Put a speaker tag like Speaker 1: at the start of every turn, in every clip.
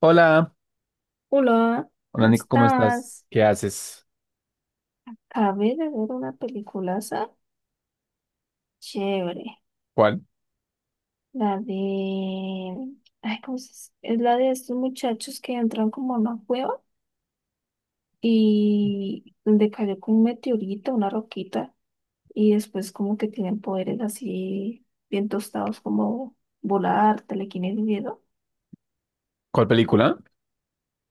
Speaker 1: Hola,
Speaker 2: Hola,
Speaker 1: hola
Speaker 2: ¿cómo
Speaker 1: Nico, ¿cómo estás?
Speaker 2: estás?
Speaker 1: ¿Qué haces?
Speaker 2: Acabé de ver una peliculaza chévere.
Speaker 1: ¿Cuál?
Speaker 2: La de. Ay, ¿cómo Es la de estos muchachos que entran como a una cueva y donde cayó como un meteorito, una roquita, y después como que tienen poderes así bien tostados como volar, telequinesis y eso.
Speaker 1: ¿Cuál película?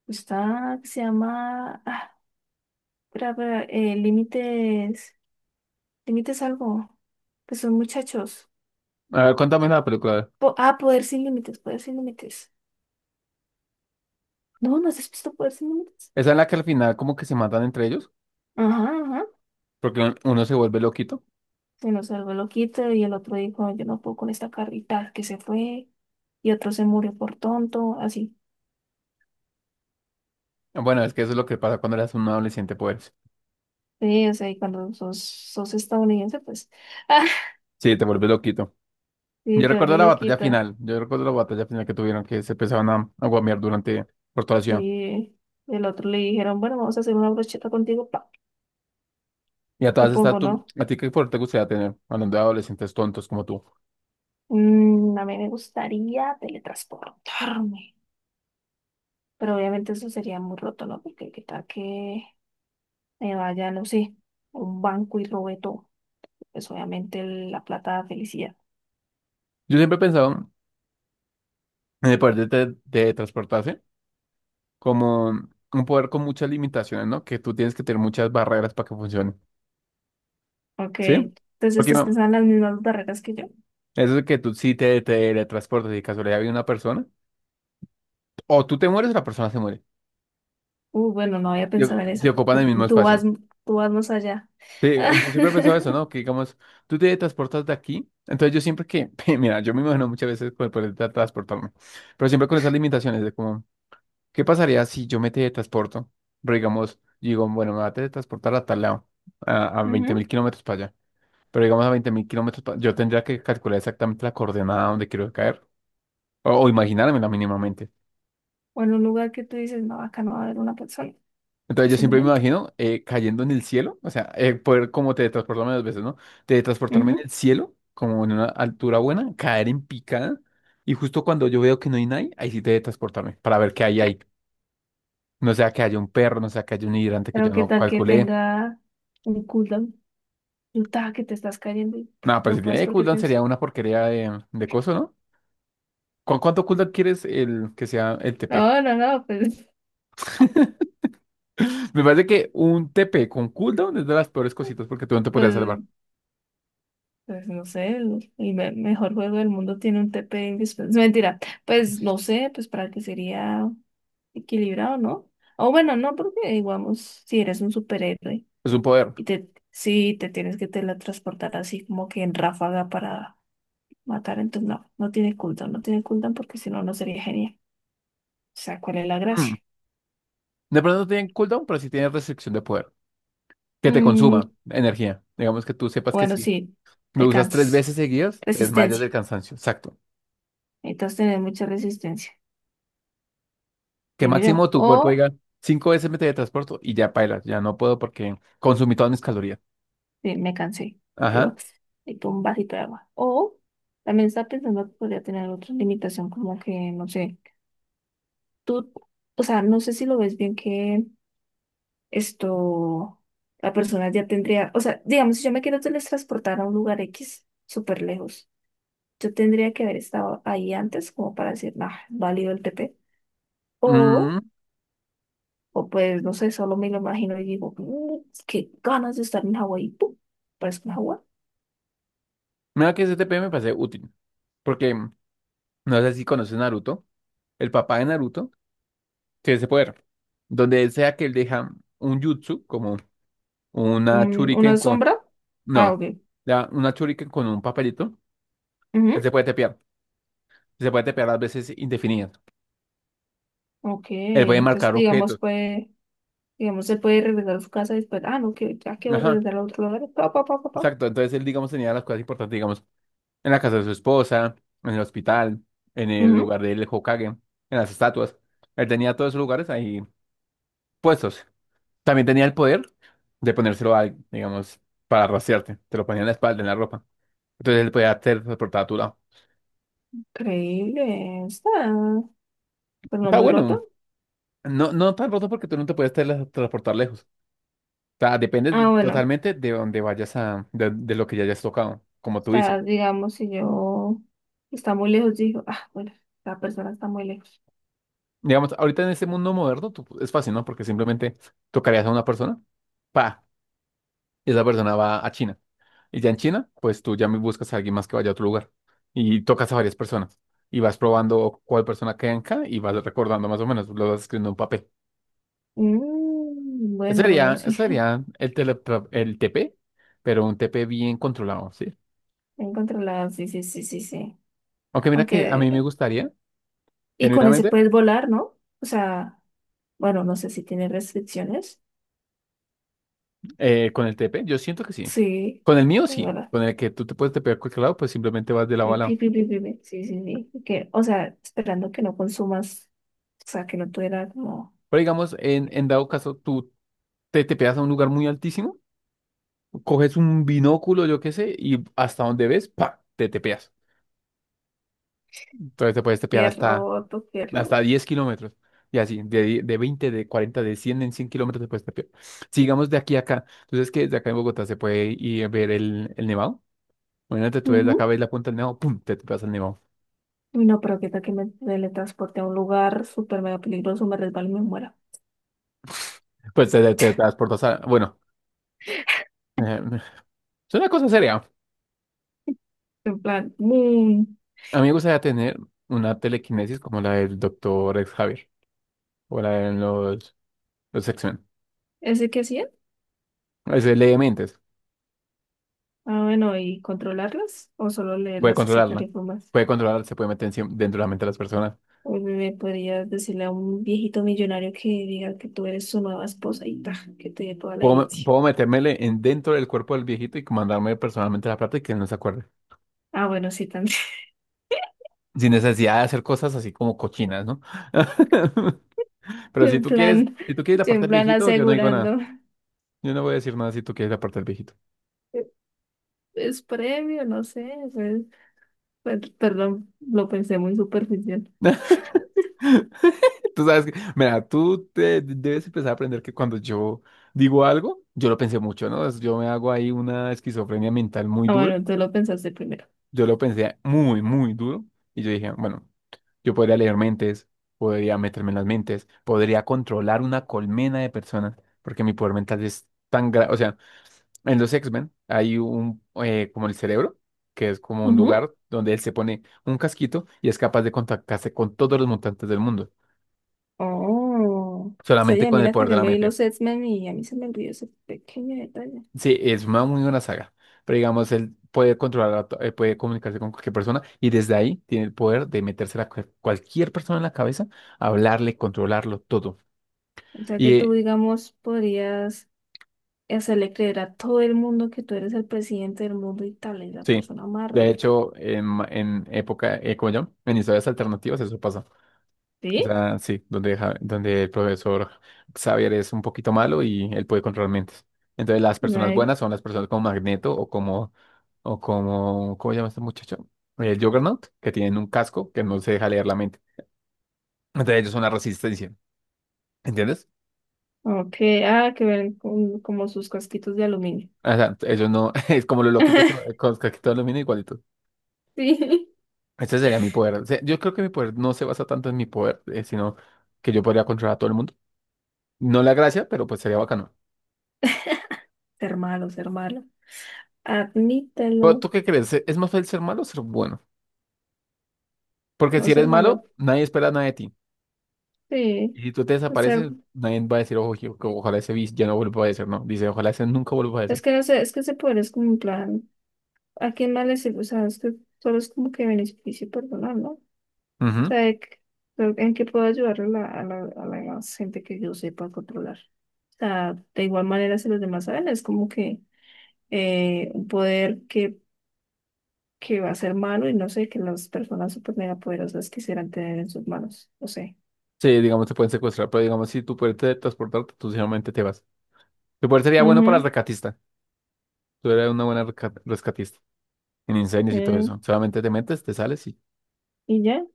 Speaker 2: Está, se llama. Ah, espera, espera, límites. Límites algo. Que son muchachos.
Speaker 1: A ver, cuéntame la película.
Speaker 2: Poder sin límites, Poder sin límites. No, ¿no has visto Poder sin límites?
Speaker 1: ¿Esa es la que al final como que se matan entre ellos?
Speaker 2: Ajá, ajá.
Speaker 1: Porque uno se vuelve loquito.
Speaker 2: Se nos salvó el loquito y el otro dijo, yo no puedo con esta carrita que se fue. Y otro se murió por tonto, así.
Speaker 1: Bueno, es que eso es lo que pasa cuando eres un adolescente, pues.
Speaker 2: Sí, o sea, y cuando sos estadounidense, pues, ah,
Speaker 1: Sí, te vuelves loquito.
Speaker 2: sí,
Speaker 1: Yo
Speaker 2: te vuelve
Speaker 1: recuerdo la batalla
Speaker 2: loquita.
Speaker 1: final. Yo recuerdo la batalla final que tuvieron, que se empezaban a guamear durante por toda la ciudad.
Speaker 2: Sí, el otro le dijeron, bueno, vamos a hacer una brocheta contigo, pa.
Speaker 1: Y a todas estas,
Speaker 2: Supongo, ¿no?
Speaker 1: ¿a ti qué poder te gustaría tener? Hablando de adolescentes tontos como tú.
Speaker 2: A mí me gustaría teletransportarme. Pero obviamente eso sería muy roto, ¿no? Porque qué tal que me vaya, no sé, a un banco y robe todo. Pues obviamente la plata da felicidad.
Speaker 1: Yo siempre he pensado en el poder de transportarse, como un poder con muchas limitaciones, ¿no? Que tú tienes que tener muchas barreras para que funcione,
Speaker 2: Ok,
Speaker 1: ¿sí?
Speaker 2: entonces
Speaker 1: Porque
Speaker 2: estás
Speaker 1: no,
Speaker 2: pensando en las mismas barreras que yo.
Speaker 1: eso de que tú sí te teletransportas y de casualidad viene una persona, o tú te mueres o la persona se muere,
Speaker 2: Bueno, no había
Speaker 1: y o-
Speaker 2: pensado en
Speaker 1: se
Speaker 2: esa.
Speaker 1: ocupan el
Speaker 2: Tú,
Speaker 1: mismo
Speaker 2: tú vas,
Speaker 1: espacio.
Speaker 2: tú vas más allá.
Speaker 1: Sí, yo siempre he pensado eso, ¿no? Que digamos, tú te transportas de aquí, entonces yo siempre que, mira, yo me imagino muchas veces con el poder de transportarme, pero siempre con esas limitaciones de como, ¿qué pasaría si yo me teletransporto? Pero digamos, digo, bueno, me voy a teletransportar a tal lado, a veinte mil
Speaker 2: Ujú.
Speaker 1: kilómetros para allá. Pero digamos a 20.000 kilómetros, yo tendría que calcular exactamente la coordenada donde quiero caer, o imaginármela mínimamente.
Speaker 2: O en un lugar que tú dices, no, acá no va a haber una persona,
Speaker 1: Entonces yo siempre me
Speaker 2: posiblemente.
Speaker 1: imagino cayendo en el cielo, o sea, poder como teletransportarme dos veces, ¿no? Teletransportarme en el
Speaker 2: Ujú.
Speaker 1: cielo, como en una altura buena, caer en picada, y justo cuando yo veo que no hay nadie, ahí sí teletransportarme, para ver qué hay ahí. No sea que haya un perro, no sea que haya un hidrante que yo
Speaker 2: Pero qué
Speaker 1: no
Speaker 2: tal que
Speaker 1: calculé.
Speaker 2: tenga un cooldown. Tú ta, que te estás cayendo y pff,
Speaker 1: No, pero
Speaker 2: no
Speaker 1: si
Speaker 2: puedes
Speaker 1: tiene
Speaker 2: porque
Speaker 1: cooldown
Speaker 2: tienes.
Speaker 1: sería una porquería de coso, ¿no? ¿Con cuánto cooldown quieres el que sea el TP?
Speaker 2: No, pues,
Speaker 1: Me parece que un TP con cooldown es de las peores cositas porque tú no te podrías
Speaker 2: pues
Speaker 1: salvar.
Speaker 2: Pues no sé, mejor juego del mundo tiene un TP indispensable. Mentira, pues no sé, pues para que sería equilibrado, ¿no? O bueno, no, porque digamos, si eres un superhéroe
Speaker 1: Es un poder.
Speaker 2: y te, si te tienes que teletransportar así como que en ráfaga para matar, entonces no, no tiene cooldown, no tiene cooldown porque si no, no sería genial. O sea, ¿cuál es la
Speaker 1: Mm.
Speaker 2: gracia?
Speaker 1: De pronto no tienen cooldown, pero sí tienen restricción de poder. Que te
Speaker 2: Mm,
Speaker 1: consuma energía. Digamos que tú sepas que
Speaker 2: bueno,
Speaker 1: si
Speaker 2: sí,
Speaker 1: lo
Speaker 2: te
Speaker 1: usas tres
Speaker 2: cansas.
Speaker 1: veces seguidas, te desmayas del
Speaker 2: Resistencia.
Speaker 1: cansancio. Exacto.
Speaker 2: Necesitas tener mucha resistencia,
Speaker 1: Que
Speaker 2: digo
Speaker 1: máximo
Speaker 2: yo.
Speaker 1: tu cuerpo
Speaker 2: O
Speaker 1: diga cinco veces me teletransporto y ya pailas. Ya no puedo porque consumí todas mis calorías.
Speaker 2: sí, me cansé. Digo,
Speaker 1: Ajá.
Speaker 2: y con un vasito de agua. O también estaba pensando que podría tener otra limitación, como que, no sé, tú, o sea, no sé si lo ves bien que esto, la persona ya tendría, o sea, digamos, si yo me quiero teletransportar a un lugar X súper lejos, yo tendría que haber estado ahí antes como para decir, nah, válido el TP. O,
Speaker 1: Mm.
Speaker 2: o pues, no sé, solo me lo imagino y digo, "Mm, qué ganas de estar en Hawái. ¡Pum! Parezco en Hawái.
Speaker 1: Mira que ese TP me parece útil. Porque no sé si conoces Naruto. El papá de Naruto tiene ese poder. Donde él sea que él deja un jutsu, como una shuriken
Speaker 2: Una
Speaker 1: con...
Speaker 2: sombra. Ah,
Speaker 1: No,
Speaker 2: ok.
Speaker 1: una shuriken con un papelito, él
Speaker 2: Ujú,
Speaker 1: se puede tepear. Se puede tepear a veces indefinidas.
Speaker 2: ok,
Speaker 1: Él puede
Speaker 2: entonces
Speaker 1: marcar
Speaker 2: digamos
Speaker 1: objetos.
Speaker 2: puede, digamos se puede regresar a su casa y después, ah no, que ya quiero
Speaker 1: Ajá,
Speaker 2: regresar a otro lugar, pa, pa, pa, pa, pa.
Speaker 1: exacto. Entonces él, digamos, tenía las cosas importantes, digamos, en la casa de su esposa, en el hospital, en el
Speaker 2: Ujú,
Speaker 1: lugar del Hokage, en las estatuas. Él tenía todos esos lugares ahí puestos. También tenía el poder de ponérselo a alguien, digamos, para rastrearte. Te lo ponía en la espalda, en la ropa. Entonces él podía teletransportar a tu lado.
Speaker 2: increíble, está, pero no
Speaker 1: Está
Speaker 2: muy roto.
Speaker 1: bueno. No, no tan roto porque tú no te puedes teletransportar lejos. O sea,
Speaker 2: Ah, bueno,
Speaker 1: totalmente de donde vayas a, de lo que ya hayas tocado, como tú dices.
Speaker 2: está, digamos, si yo está muy lejos, dijo, ah, bueno, la persona está muy lejos.
Speaker 1: Digamos, ahorita en este mundo moderno es fácil, ¿no? Porque simplemente tocarías a una persona, pa, y esa persona va a China. Y ya en China, pues tú ya me buscas a alguien más que vaya a otro lugar y tocas a varias personas y vas probando cuál persona queda en cada y vas recordando más o menos, lo vas escribiendo en un papel.
Speaker 2: Bueno, bueno,
Speaker 1: Sería,
Speaker 2: sí,
Speaker 1: sería el TP, pero un TP bien controlado, ¿sí?
Speaker 2: encontré sí, sí, sí, sí, sí.
Speaker 1: Aunque mira que a mí me
Speaker 2: Aunque,
Speaker 1: gustaría,
Speaker 2: y con ese
Speaker 1: genuinamente,
Speaker 2: puedes volar, ¿no? O sea, bueno, no sé si tiene restricciones.
Speaker 1: con el TP, yo siento que sí.
Speaker 2: Sí,
Speaker 1: Con el mío
Speaker 2: es
Speaker 1: sí,
Speaker 2: verdad.
Speaker 1: con el que tú te puedes tepear a cualquier lado, pues simplemente vas de
Speaker 2: Pi,
Speaker 1: lado a
Speaker 2: pi,
Speaker 1: lado.
Speaker 2: pi, pi, pi, pi. Sí, sí, sí. Y que, o sea, esperando que no consumas, o sea, que no tuviera como
Speaker 1: Pero digamos, en dado caso, tú te tepeas a un lugar muy altísimo, coges un binóculo, yo qué sé, y hasta donde ves, ¡pa! Te tepeas. Entonces te puedes tepear
Speaker 2: pie roto, pie
Speaker 1: hasta
Speaker 2: roto.
Speaker 1: 10 kilómetros. Y así, de 20 de 40 de 100 en 100 kilómetros después de Puesta Sigamos de aquí a acá. Entonces, que desde acá en Bogotá se puede ir a ver el nevado. Imagínate, tú desde acá
Speaker 2: Ujú.
Speaker 1: ves la punta del nevado, ¡pum! Te pasa el nevado.
Speaker 2: Uy, no, pero qué tal que me teletransporte a un lugar súper mega peligroso, me resbalo y me muera.
Speaker 1: Pues te transportas a... Bueno, eh, es una cosa seria.
Speaker 2: En plan, ¡boom!
Speaker 1: A mí me gustaría tener una telequinesis como la del doctor Javier o la de los X-Men.
Speaker 2: ¿Ese qué hacía?
Speaker 1: Es de ley de mentes.
Speaker 2: Ah, bueno, ¿y controlarlas? ¿O solo
Speaker 1: Puede
Speaker 2: leerlas y sacar
Speaker 1: controlarla.
Speaker 2: información?
Speaker 1: Puede controlar, se puede meter dentro de la mente de las personas.
Speaker 2: Uy, me podrías decirle a un viejito millonario que diga que tú eres su nueva esposa y ta, que te dé toda la
Speaker 1: Puedo,
Speaker 2: herencia.
Speaker 1: puedo metérmele en dentro del cuerpo del viejito y mandarme personalmente la plata y que él no se acuerde.
Speaker 2: Ah, bueno, sí, también.
Speaker 1: Sin necesidad de hacer cosas así como cochinas, ¿no? Pero
Speaker 2: Yo
Speaker 1: si
Speaker 2: en
Speaker 1: tú quieres,
Speaker 2: plan,
Speaker 1: si tú quieres la
Speaker 2: yo
Speaker 1: parte
Speaker 2: en
Speaker 1: del
Speaker 2: plan
Speaker 1: viejito, yo no digo nada.
Speaker 2: asegurando.
Speaker 1: Yo no voy a decir nada si tú quieres la parte del viejito.
Speaker 2: Es previo, no sé, pues, perdón, lo pensé muy superficial.
Speaker 1: Tú sabes que, mira, tú te debes empezar a aprender que cuando yo digo algo, yo lo pensé mucho, ¿no? Yo me hago ahí una esquizofrenia mental muy
Speaker 2: Ah,
Speaker 1: dura.
Speaker 2: bueno, tú lo pensaste primero.
Speaker 1: Yo lo pensé muy, muy duro. Y yo dije, bueno. Yo podría leer mentes, podría meterme en las mentes, podría controlar una colmena de personas, porque mi poder mental es tan grande. O sea, en los X-Men hay un, como el cerebro, que es como un
Speaker 2: Ujú.
Speaker 1: lugar donde él se pone un casquito y es capaz de contactarse con todos los mutantes del mundo,
Speaker 2: Oh,
Speaker 1: solamente
Speaker 2: oye,
Speaker 1: con el
Speaker 2: mira
Speaker 1: poder
Speaker 2: que
Speaker 1: de
Speaker 2: yo
Speaker 1: la
Speaker 2: me vi
Speaker 1: mente.
Speaker 2: los X-Men y a mí se me olvidó ese pequeño detalle.
Speaker 1: Sí, es una muy buena saga, pero digamos, él puede controlar, puede comunicarse con cualquier persona y desde ahí tiene el poder de meterse a cualquier persona en la cabeza, hablarle, controlarlo todo.
Speaker 2: O sea que
Speaker 1: Y
Speaker 2: tú,
Speaker 1: eh,
Speaker 2: digamos, podrías hacerle creer a todo el mundo que tú eres el presidente del mundo y tal, es la
Speaker 1: Sí,
Speaker 2: persona más
Speaker 1: de
Speaker 2: rica.
Speaker 1: hecho, en época, ¿cómo se llama? En historias alternativas eso pasa. O
Speaker 2: ¿Sí?
Speaker 1: sea, sí, donde el profesor Xavier es un poquito malo y él puede controlar mentes. Entonces las personas
Speaker 2: Right.
Speaker 1: buenas son las personas como Magneto o como, ¿cómo se llama este muchacho? El Juggernaut, que tienen un casco que no se deja leer la mente. Entonces ellos son la resistencia, ¿entiendes?
Speaker 2: Ok, ah, que ven como sus casquitos de aluminio.
Speaker 1: O sea, ellos no, es como los loquitos, con casquitos de aluminio.
Speaker 2: Sí.
Speaker 1: Ese sería mi poder. O sea, yo creo que mi poder no se basa tanto en mi poder, sino que yo podría controlar a todo el mundo. No la gracia, pero pues sería bacano.
Speaker 2: Ser malo, ser malo.
Speaker 1: Pero
Speaker 2: Admítelo.
Speaker 1: ¿tú qué crees? ¿Es más fácil ser malo o ser bueno? Porque
Speaker 2: No
Speaker 1: si eres
Speaker 2: ser malo.
Speaker 1: malo, nadie espera nada de ti. Y
Speaker 2: Sí,
Speaker 1: si tú te
Speaker 2: o sea,
Speaker 1: desapareces, nadie va a decir, ojo, que ojalá ese bis ya no vuelva a aparecer, ¿no? Dice, ojalá ese nunca vuelva a
Speaker 2: es
Speaker 1: aparecer.
Speaker 2: que no sé, es que ese poder es como un plan, ¿a quién más le sirve? O sea, es que solo es como que beneficio personal, ¿no?
Speaker 1: Ujú.
Speaker 2: Sea, de que- pero ¿en qué puedo ayudar a la gente que yo sepa controlar? O sea, de igual manera si los demás saben, es como que un poder que va a ser malo y no sé, que las personas super mega poderosas quisieran tener en sus manos, no sé.
Speaker 1: Sí, digamos, te pueden secuestrar, pero digamos, si tú puedes transportarte, tú simplemente te vas. Tu poder sería bueno para el
Speaker 2: Ujú,
Speaker 1: rescatista. Tú eres una buena rescatista en incendios y todo
Speaker 2: eh,
Speaker 1: eso. Solamente te metes, te sales y...
Speaker 2: y ya,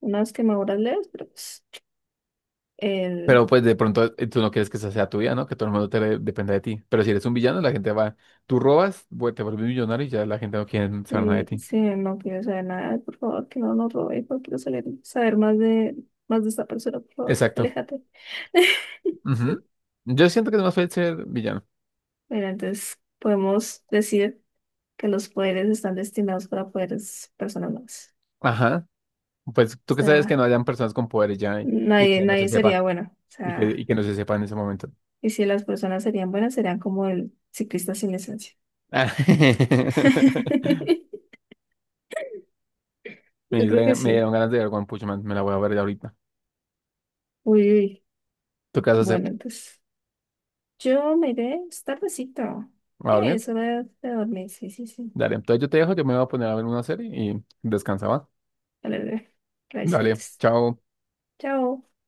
Speaker 2: unas quemaduras leves, pero pues, el
Speaker 1: Pero pues de pronto tú no quieres que esa sea tu vida, ¿no? Que todo el mundo dependa de ti. Pero si eres un villano, la gente va, tú robas, te vuelves millonario y ya la gente no quiere saber nada de
Speaker 2: sí,
Speaker 1: ti.
Speaker 2: sí, no quiero saber nada, por favor, que no nos robe, no quiero saber más de esta persona, por favor,
Speaker 1: Exacto.
Speaker 2: aléjate.
Speaker 1: Ujú. Yo siento que es más fácil ser villano.
Speaker 2: Bueno, entonces podemos decir que los poderes están destinados para poderes personales.
Speaker 1: Ajá. Pues
Speaker 2: O
Speaker 1: tú que sabes que
Speaker 2: sea,
Speaker 1: no hayan personas con poderes ya y
Speaker 2: nadie,
Speaker 1: que no se
Speaker 2: nadie
Speaker 1: sepa,
Speaker 2: sería bueno. O
Speaker 1: y
Speaker 2: sea,
Speaker 1: que no se sepa en ese momento.
Speaker 2: y si las personas serían buenas, serían como el ciclista sin licencia. Yo creo que
Speaker 1: Me
Speaker 2: sí.
Speaker 1: dieron ganas de ver One Punch Man, me la voy a ver ya ahorita.
Speaker 2: Uy, uy.
Speaker 1: ¿Tú qué vas a hacer?
Speaker 2: Bueno, entonces yo me iré, es tardecito.
Speaker 1: ¿A
Speaker 2: ¿Qué?
Speaker 1: dormir?
Speaker 2: Es hora de dormir. Sí, sí, sí.
Speaker 1: Dale, entonces yo te dejo, yo me voy a poner a ver una serie y descansa, ¿va?
Speaker 2: Dale, dale. La
Speaker 1: Dale,
Speaker 2: disfrutes.
Speaker 1: chao.
Speaker 2: Chao.